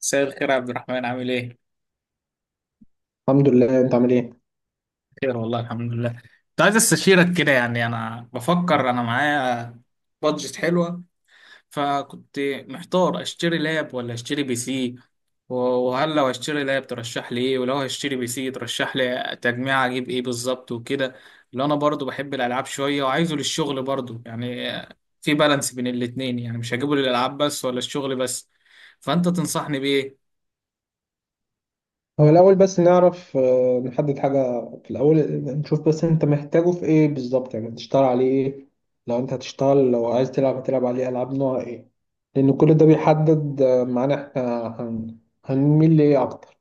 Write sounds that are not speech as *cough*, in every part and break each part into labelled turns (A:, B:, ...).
A: مساء الخير يا عبد الرحمن، عامل ايه؟
B: الحمد لله. انت عامل ايه؟
A: خير والله، الحمد لله. كنت عايز استشيرك كده، يعني انا بفكر انا معايا بادجت حلوة، فكنت محتار اشتري لاب ولا اشتري بي سي. و- وهل لو هشتري لاب ترشح لي ايه، ولو هشتري بي سي ترشح لي تجميع اجيب ايه بالظبط وكده؟ لان انا برضو بحب الالعاب شوية وعايزه للشغل برضو، يعني في بالانس بين الاتنين، يعني مش هجيبه للالعاب بس ولا الشغل بس. فانت تنصحني بايه؟
B: هو الاول بس نعرف، نحدد حاجه في الاول. نشوف بس انت محتاجه في ايه بالظبط، يعني تشتغل عليه ايه؟ لو انت هتشتغل، لو عايز تلعب هتلعب عليه العاب نوع ايه؟ لان كل ده بيحدد معانا احنا هنميل لايه اكتر.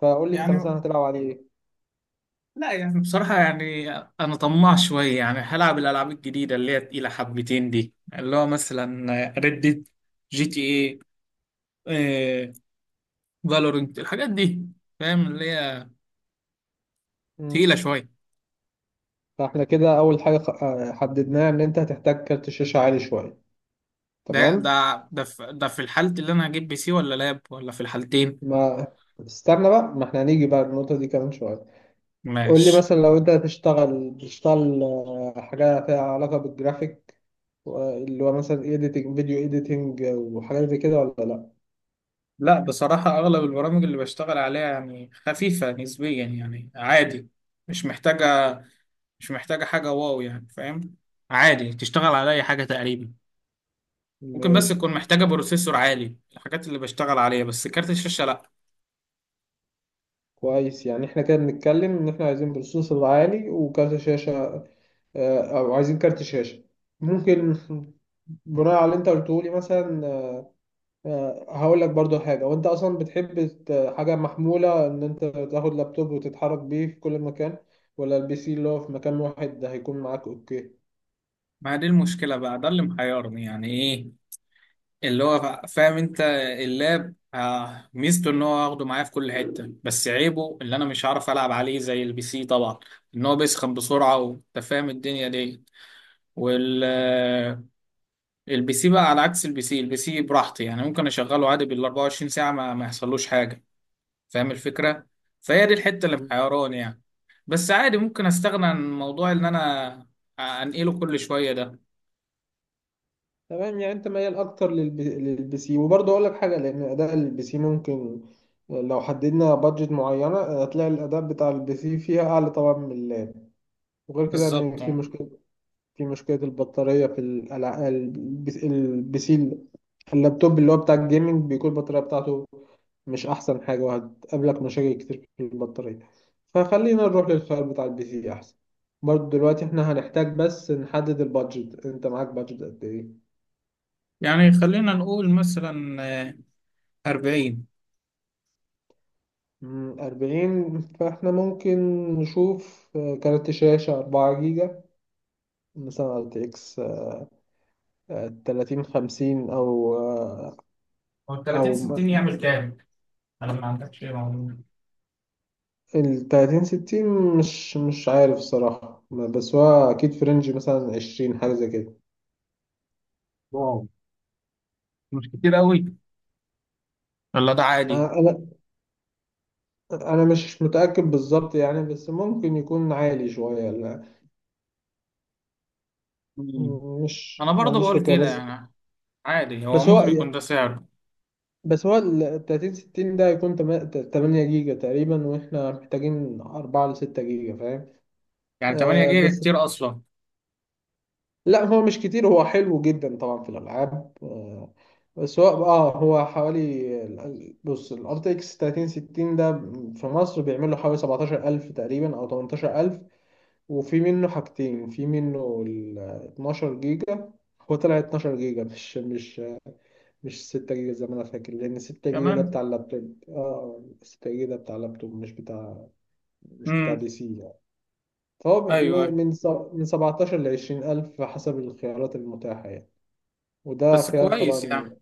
B: فقول لي انت
A: يعني
B: مثلا هتلعب عليه ايه؟
A: لا، يعني بصراحة يعني أنا طماع شوية، يعني هلعب الألعاب الجديدة اللي هي تقيلة حبتين دي، اللي هو مثلا ريد، GTA، إيه، فالورنت، الحاجات دي فاهم اللي هي تقيلة
B: مم.
A: شوية.
B: فاحنا كده اول حاجه حددناها ان انت هتحتاج كارت شاشه عالي شويه.
A: ده
B: تمام.
A: ده ده في الحالة اللي أنا هجيب بي سي ولا لاب، ولا في الحالتين؟
B: ما استنى بقى، ما احنا هنيجي بقى النقطه دي كمان شويه. قول لي
A: ماشي.
B: مثلا، لو انت هتشتغل، بتشتغل حاجة فيها علاقة بالجرافيك، اللي هو مثلا ايديتنج، فيديو ايديتنج وحاجات زي كده ولا لا؟
A: لا بصراحة أغلب البرامج اللي بشتغل عليها يعني خفيفة نسبيا، يعني عادي، مش محتاجة مش محتاجة حاجة واو، يعني فاهم، عادي تشتغل على أي حاجة تقريبا. ممكن بس
B: ماشي.
A: تكون محتاجة بروسيسور عالي الحاجات اللي بشتغل عليها، بس كارت الشاشة لأ.
B: كويس، يعني احنا كده بنتكلم ان احنا عايزين بروسيسور عالي وكارت شاشة، او عايزين كارت شاشة ممكن. بناء على اللي انت قلته لي مثلا هقول لك برضو حاجة: وانت اصلا بتحب حاجة محمولة، ان انت تاخد لابتوب وتتحرك بيه في كل مكان، ولا البي سي اللي هو في مكان واحد ده هيكون معاك؟ اوكي،
A: ما هي دي المشكلة بقى، ده اللي محيرني، يعني إيه اللي هو فاهم أنت؟ اللاب ميزته إن هو هاخده معايا في كل حتة، بس عيبه اللي أنا مش هعرف ألعب عليه زي البي سي طبعا، إن هو بيسخن بسرعة وأنت فاهم الدنيا دي. وال آه، البي سي بقى، على عكس البي سي، البي سي براحتي، يعني ممكن أشغله عادي بال 24 ساعة ما يحصلوش حاجة، فاهم الفكرة. فهي دي الحتة اللي محيراني يعني، بس عادي ممكن استغنى عن موضوع ان انا انقله كل شوية ده.
B: تمام. يعني انت ميال اكتر للبي سي. وبرضه اقول لك حاجه، لان اداء البي سي ممكن، لو حددنا بادجت معينه هتلاقي الاداء بتاع البي سي فيها اعلى طبعا من اللاب. وغير كده ان
A: بالظبط
B: في
A: آه.
B: مشكله، في مشكله البطاريه في البي سي. اللابتوب اللي هو بتاع الجيمنج بيكون البطاريه بتاعته مش احسن حاجه، وهتقابلك مشاكل كتير في البطاريه. فخلينا نروح للخيار بتاع البي سي احسن. برضه دلوقتي احنا هنحتاج بس نحدد البادجت. انت معاك بادجت قد ايه؟
A: يعني خلينا نقول مثلا آه، 40.
B: مم، أربعين. فإحنا ممكن نشوف كارت شاشة أربعة جيجا، مثلا ار تي اكس تلاتين خمسين، أو آه،
A: هو 30
B: أو
A: 60 يعمل كام؟ انا ما عندكش معلومة.
B: التلاتين ستين. مش عارف الصراحة، بس هو أكيد في رينج مثلا عشرين، حاجة زي كده.
A: واو، مش كتير قوي ولا ده عادي؟
B: آه، أنا أنا مش متأكد بالظبط يعني، بس ممكن يكون عالي شوية. لا.
A: مم.
B: مم، مش
A: انا
B: ما
A: برضه
B: عنديش
A: بقول
B: فكرة
A: كده،
B: بس.
A: يعني عادي، هو
B: بس هو
A: ممكن يكون ده سعره.
B: بس هو ال 30 60 ده هيكون 8 جيجا تقريبا، واحنا محتاجين 4 ل 6 جيجا فاهم؟
A: يعني 8
B: آه
A: جيجا
B: بس
A: كتير اصلا.
B: لا، هو مش كتير، هو حلو جدا طبعا في الالعاب. آه بس هو اه هو حوالي بص، الار تي اكس 30 60 ده في مصر بيعمل له حوالي 17,000 تقريبا او 18,000. وفي منه حاجتين، في منه ال 12 جيجا. هو طلع 12 جيجا، مش 6 جيجا زي ما انا فاكر، لان 6 جيجا ده بتاع
A: كمان.
B: اللابتوب اه. 6 جيجا ده بتاع اللابتوب، مش بتاع، مش بتاع
A: امم
B: بي سي يعني. فهو
A: ايوه،
B: من 17 ل 20 الف حسب الخيارات المتاحة يعني. وده
A: بس
B: خيار
A: كويس
B: طبعا.
A: يعني.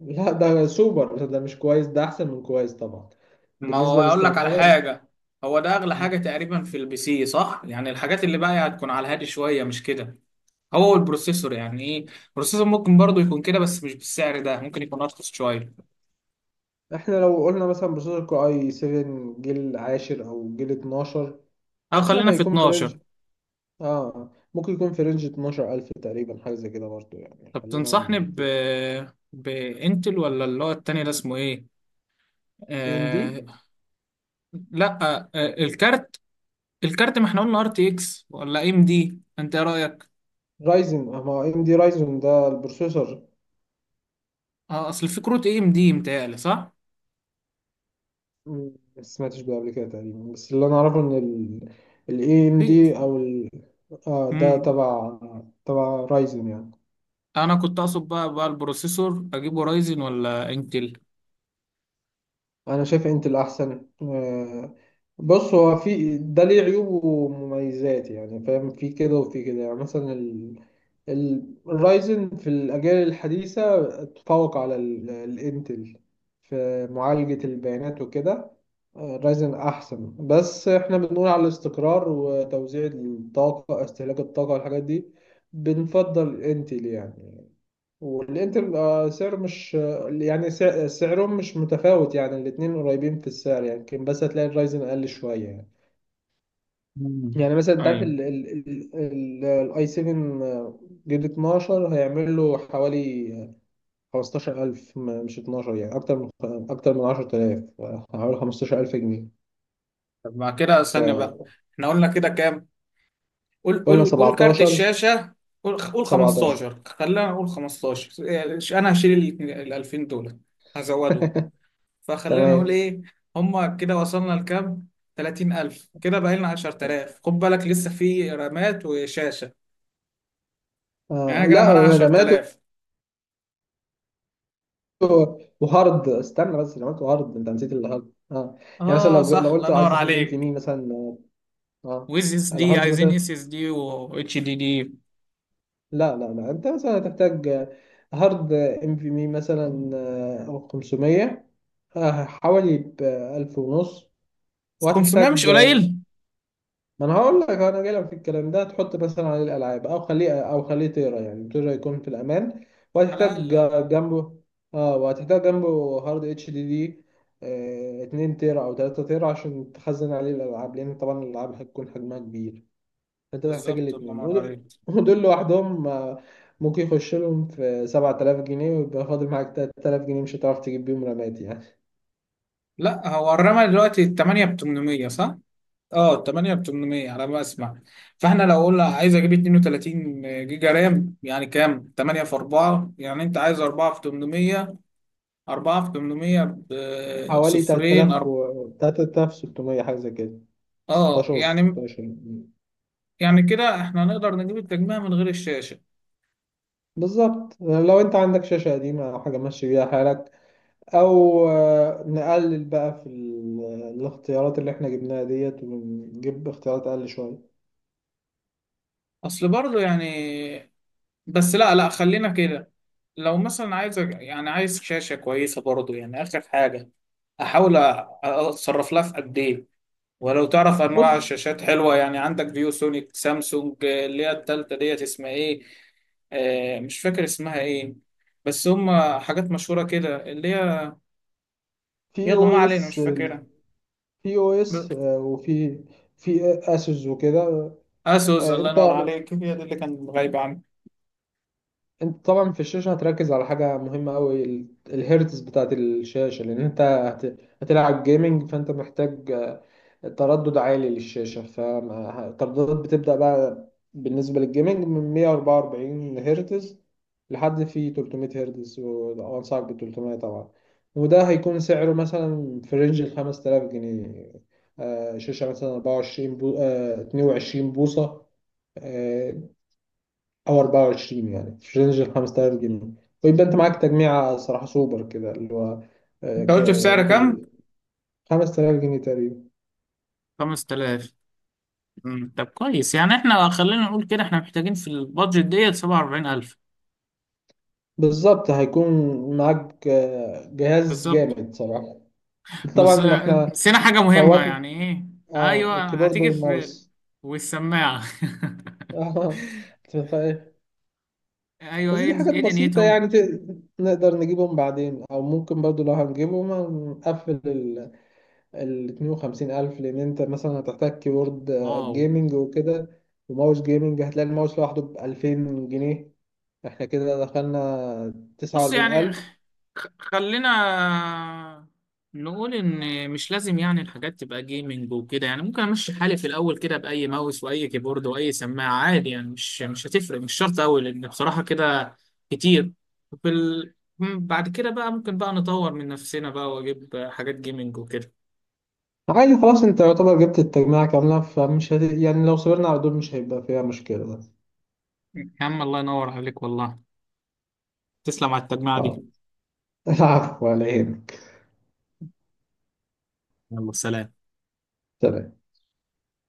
B: لا، ده سوبر، ده مش كويس، ده احسن من كويس طبعا.
A: ما هو
B: بالنسبة
A: اقول لك على
B: لاستخدامك،
A: حاجه، هو ده اغلى حاجه تقريبا في البي سي، صح؟ يعني الحاجات اللي باقيه هتكون على الهادي شويه، مش كده؟ هو البروسيسور، يعني ايه البروسيسور ممكن برضو يكون كده، بس مش بالسعر ده، ممكن يكون ارخص شويه.
B: احنا لو قلنا مثلا بروسيسور كو اي 7 جيل عاشر او جيل 12.
A: او
B: مش عارف
A: خلينا في
B: هيكون في
A: 12.
B: رينج، اه ممكن يكون في رينج 12,000 تقريبا، حاجة زي كده برضه يعني
A: طب
B: خلينا.
A: تنصحني ب بانتل ولا اللي هو التاني ده اسمه ايه؟
B: اي ام دي
A: آه... لا. الكارت، الكارت ما احنا قلنا RTX ولا AMD، انت ايه رايك؟
B: رايزن، ما اي ام دي رايزن ده البروسيسور.
A: اه اصل في كروت AMD متهيألي، صح؟
B: مم، ما سمعتش بيه قبل كده تقريبا، بس اللي انا اعرفه ان ال AMD او ال،
A: في.
B: ده تبع، تبع رايزن يعني.
A: انا كنت اقصد بقى البروسيسور اجيبه رايزن ولا انتل؟
B: انا شايف انت الاحسن. بص، هو في ده ليه عيوب ومميزات يعني فاهم، في كده وفي كده. يعني مثلا الرايزن في الاجيال الحديثه تفوق على الانتل في معالجه البيانات وكده. رايزن احسن، بس احنا بنقول على الاستقرار وتوزيع الطاقه، استهلاك الطاقه والحاجات دي، بنفضل انتل يعني. والانتر سعر، مش يعني سعرهم مش متفاوت يعني، الاتنين قريبين في السعر يعني يمكن، بس هتلاقي الرايزن اقل شويه يعني.
A: مم.
B: يعني مثلا انت عارف
A: ايوه.
B: الاي 7 جيل 12 هيعمل له حوالي 15,000، مش 12 يعني، اكتر من، اكتر من 10,000، حوالي 15,000 جنيه.
A: طب مع كده استنى بقى، احنا قلنا كده كام؟ قول
B: فقلنا
A: قول قول كارت
B: 17.
A: الشاشة. قول قول
B: 17.
A: 15، خلينا نقول 15، يعني انا هشيل ال 2000 دول، هزودهم.
B: *laughs*
A: فخلينا نقول
B: تمام.
A: ايه هما كده وصلنا لكام؟ 30000، كده بقى لنا 10000، خد بالك لسه في رامات وشاشة. يعني أنا
B: آه،
A: كده
B: لا،
A: معانا
B: رماته
A: 10000.
B: وهارد. استنى بس، لو قلت هارد، انت نسيت الهارد اه. يعني مثلا
A: اه
B: لو
A: صح، الله
B: قلت
A: ينور
B: عايز هارد ام في
A: عليك.
B: مي مثلا، اه
A: ويز اس دي،
B: الهارد
A: عايزين
B: مثلا.
A: SSD و HDD.
B: لا، لا، لا، انت مثلا هتحتاج هارد ام في مي مثلا 500، حوالي ب 1000 ونص.
A: 500 مش
B: وهتحتاج،
A: قليل،
B: ما انا هقول لك، انا جاي لك في الكلام ده. تحط مثلا عليه الالعاب، او خليه، او خليه تقرا، يعني تقرا يكون في الامان.
A: على
B: وهتحتاج
A: الاقل آه.
B: جنبه اه، وهتحتاج جنبه هارد اتش دي دي 2 تيرا او 3 تيرا عشان تخزن عليه الالعاب، لان طبعا الالعاب هتكون حجمها كبير. فانت هتحتاج
A: بالظبط، الله
B: الاثنين.
A: ينور
B: ودول،
A: عليك.
B: ودول لوحدهم ممكن يخش لهم في 7,000 جنيه، ويبقى فاضل معاك 3,000 جنيه مش هتعرف تجيب بيهم رامات يعني.
A: لا هو الرمى دلوقتي 8 ب 800، صح؟ اه 8 ب 800 على ما اسمع. فاحنا لو قلنا عايز اجيب 32 جيجا رام، يعني كام؟ 8 في 4، يعني انت عايز 4 في 800. 4 في 800 ب
B: حوالي
A: صفرين،
B: 3,000 و 3,600، حاجه زي كده،
A: اه
B: 16 و
A: يعني
B: 16.
A: يعني كده احنا نقدر نجيب التجميع من غير الشاشة.
B: بالظبط، لو انت عندك شاشة قديمة او حاجة ماشي بيها حالك، او نقلل بقى في الاختيارات اللي احنا جبناها ديت، ونجيب اختيارات اقل شوية.
A: اصل برضه يعني، بس لا لا خلينا كده. لو مثلا عايز، يعني عايز شاشة كويسة برضو، يعني آخر حاجة أحاول أتصرف لها في قد إيه؟ ولو تعرف أنواع
B: بص،
A: الشاشات حلوة، يعني عندك فيو سونيك، سامسونج، اللي هي التالتة ديت اسمها إيه؟ مش فاكر اسمها إيه، بس هم حاجات مشهورة كده اللي هي،
B: في
A: يلا
B: او
A: ما علينا
B: اس،
A: مش فاكرها. ب-
B: وفي، في اسوس وكده.
A: أسوس،
B: آه،
A: الله
B: انت
A: ينور عليك، هي دي اللي كانت غايبة عني.
B: انت طبعا في الشاشة هتركز على حاجة مهمة قوي: الهيرتز بتاعت الشاشة، لان انت هتلعب جيمنج فانت محتاج تردد عالي للشاشة. فالترددات بتبدأ بقى بالنسبة للجيمنج من 144 هرتز لحد في 300 هرتز، وأنصحك بال 300 طبعا. وده هيكون سعره مثلا في رينج ال 5,000 جنيه. شاشة مثلا 24 بو... آه، 22 بوصة، آه، أو 24 يعني في رينج ال 5,000 جنيه. ويبقى أنت معاك تجميعة صراحة سوبر كده، اللي هو
A: أنت قلت في سعر كام؟
B: بال 5,000 جنيه تقريبا.
A: 5000. مم. طب كويس، يعني احنا خلينا نقول كده احنا محتاجين في البادجت ديت 47000.
B: بالظبط، هيكون معاك جهاز
A: بالظبط.
B: جامد صراحة.
A: بس
B: طبعا احنا
A: نسينا حاجة مهمة،
B: فوتنا
A: يعني ايه؟
B: اه
A: ايوه
B: الكيبورد
A: هتيجي في بالي،
B: والماوس.
A: والسماعة.
B: *laughs* اه، تخيل.
A: *laughs* ايوه،
B: بس
A: ايه
B: دي حاجات
A: ايه
B: بسيطة،
A: دنيتهم.
B: يعني نقدر نجيبهم بعدين، أو ممكن برضو لو هنجيبهم نقفل ال، اتنين وخمسين ألف، لأن أنت مثلا هتحتاج كيبورد
A: واو.
B: جيمنج وكده، وماوس جيمنج. هتلاقي الماوس لوحده بألفين جنيه. احنا كده دخلنا تسعة
A: بص،
B: وأربعين
A: يعني
B: ألف.
A: خلينا نقول ان مش لازم يعني الحاجات تبقى جيمنج وكده، يعني ممكن امشي حالي في الاول كده، باي ماوس واي كيبورد واي سماعه عادي، يعني مش هتفرق، مش شرط قوي، لان بصراحه كده كتير. وفي بعد كده بقى ممكن بقى نطور من نفسنا بقى واجيب حاجات جيمنج وكده.
B: عادي خلاص، انت يعتبر جبت التجميعة كاملة، يعني لو صبرنا على دول مش هيبقى فيها مشكلة.
A: يا عم الله ينور عليك والله، تسلم على التجميع
B: اه.
A: دي.
B: *laughs* العفو عليك.
A: يلا سلام.
B: تمام.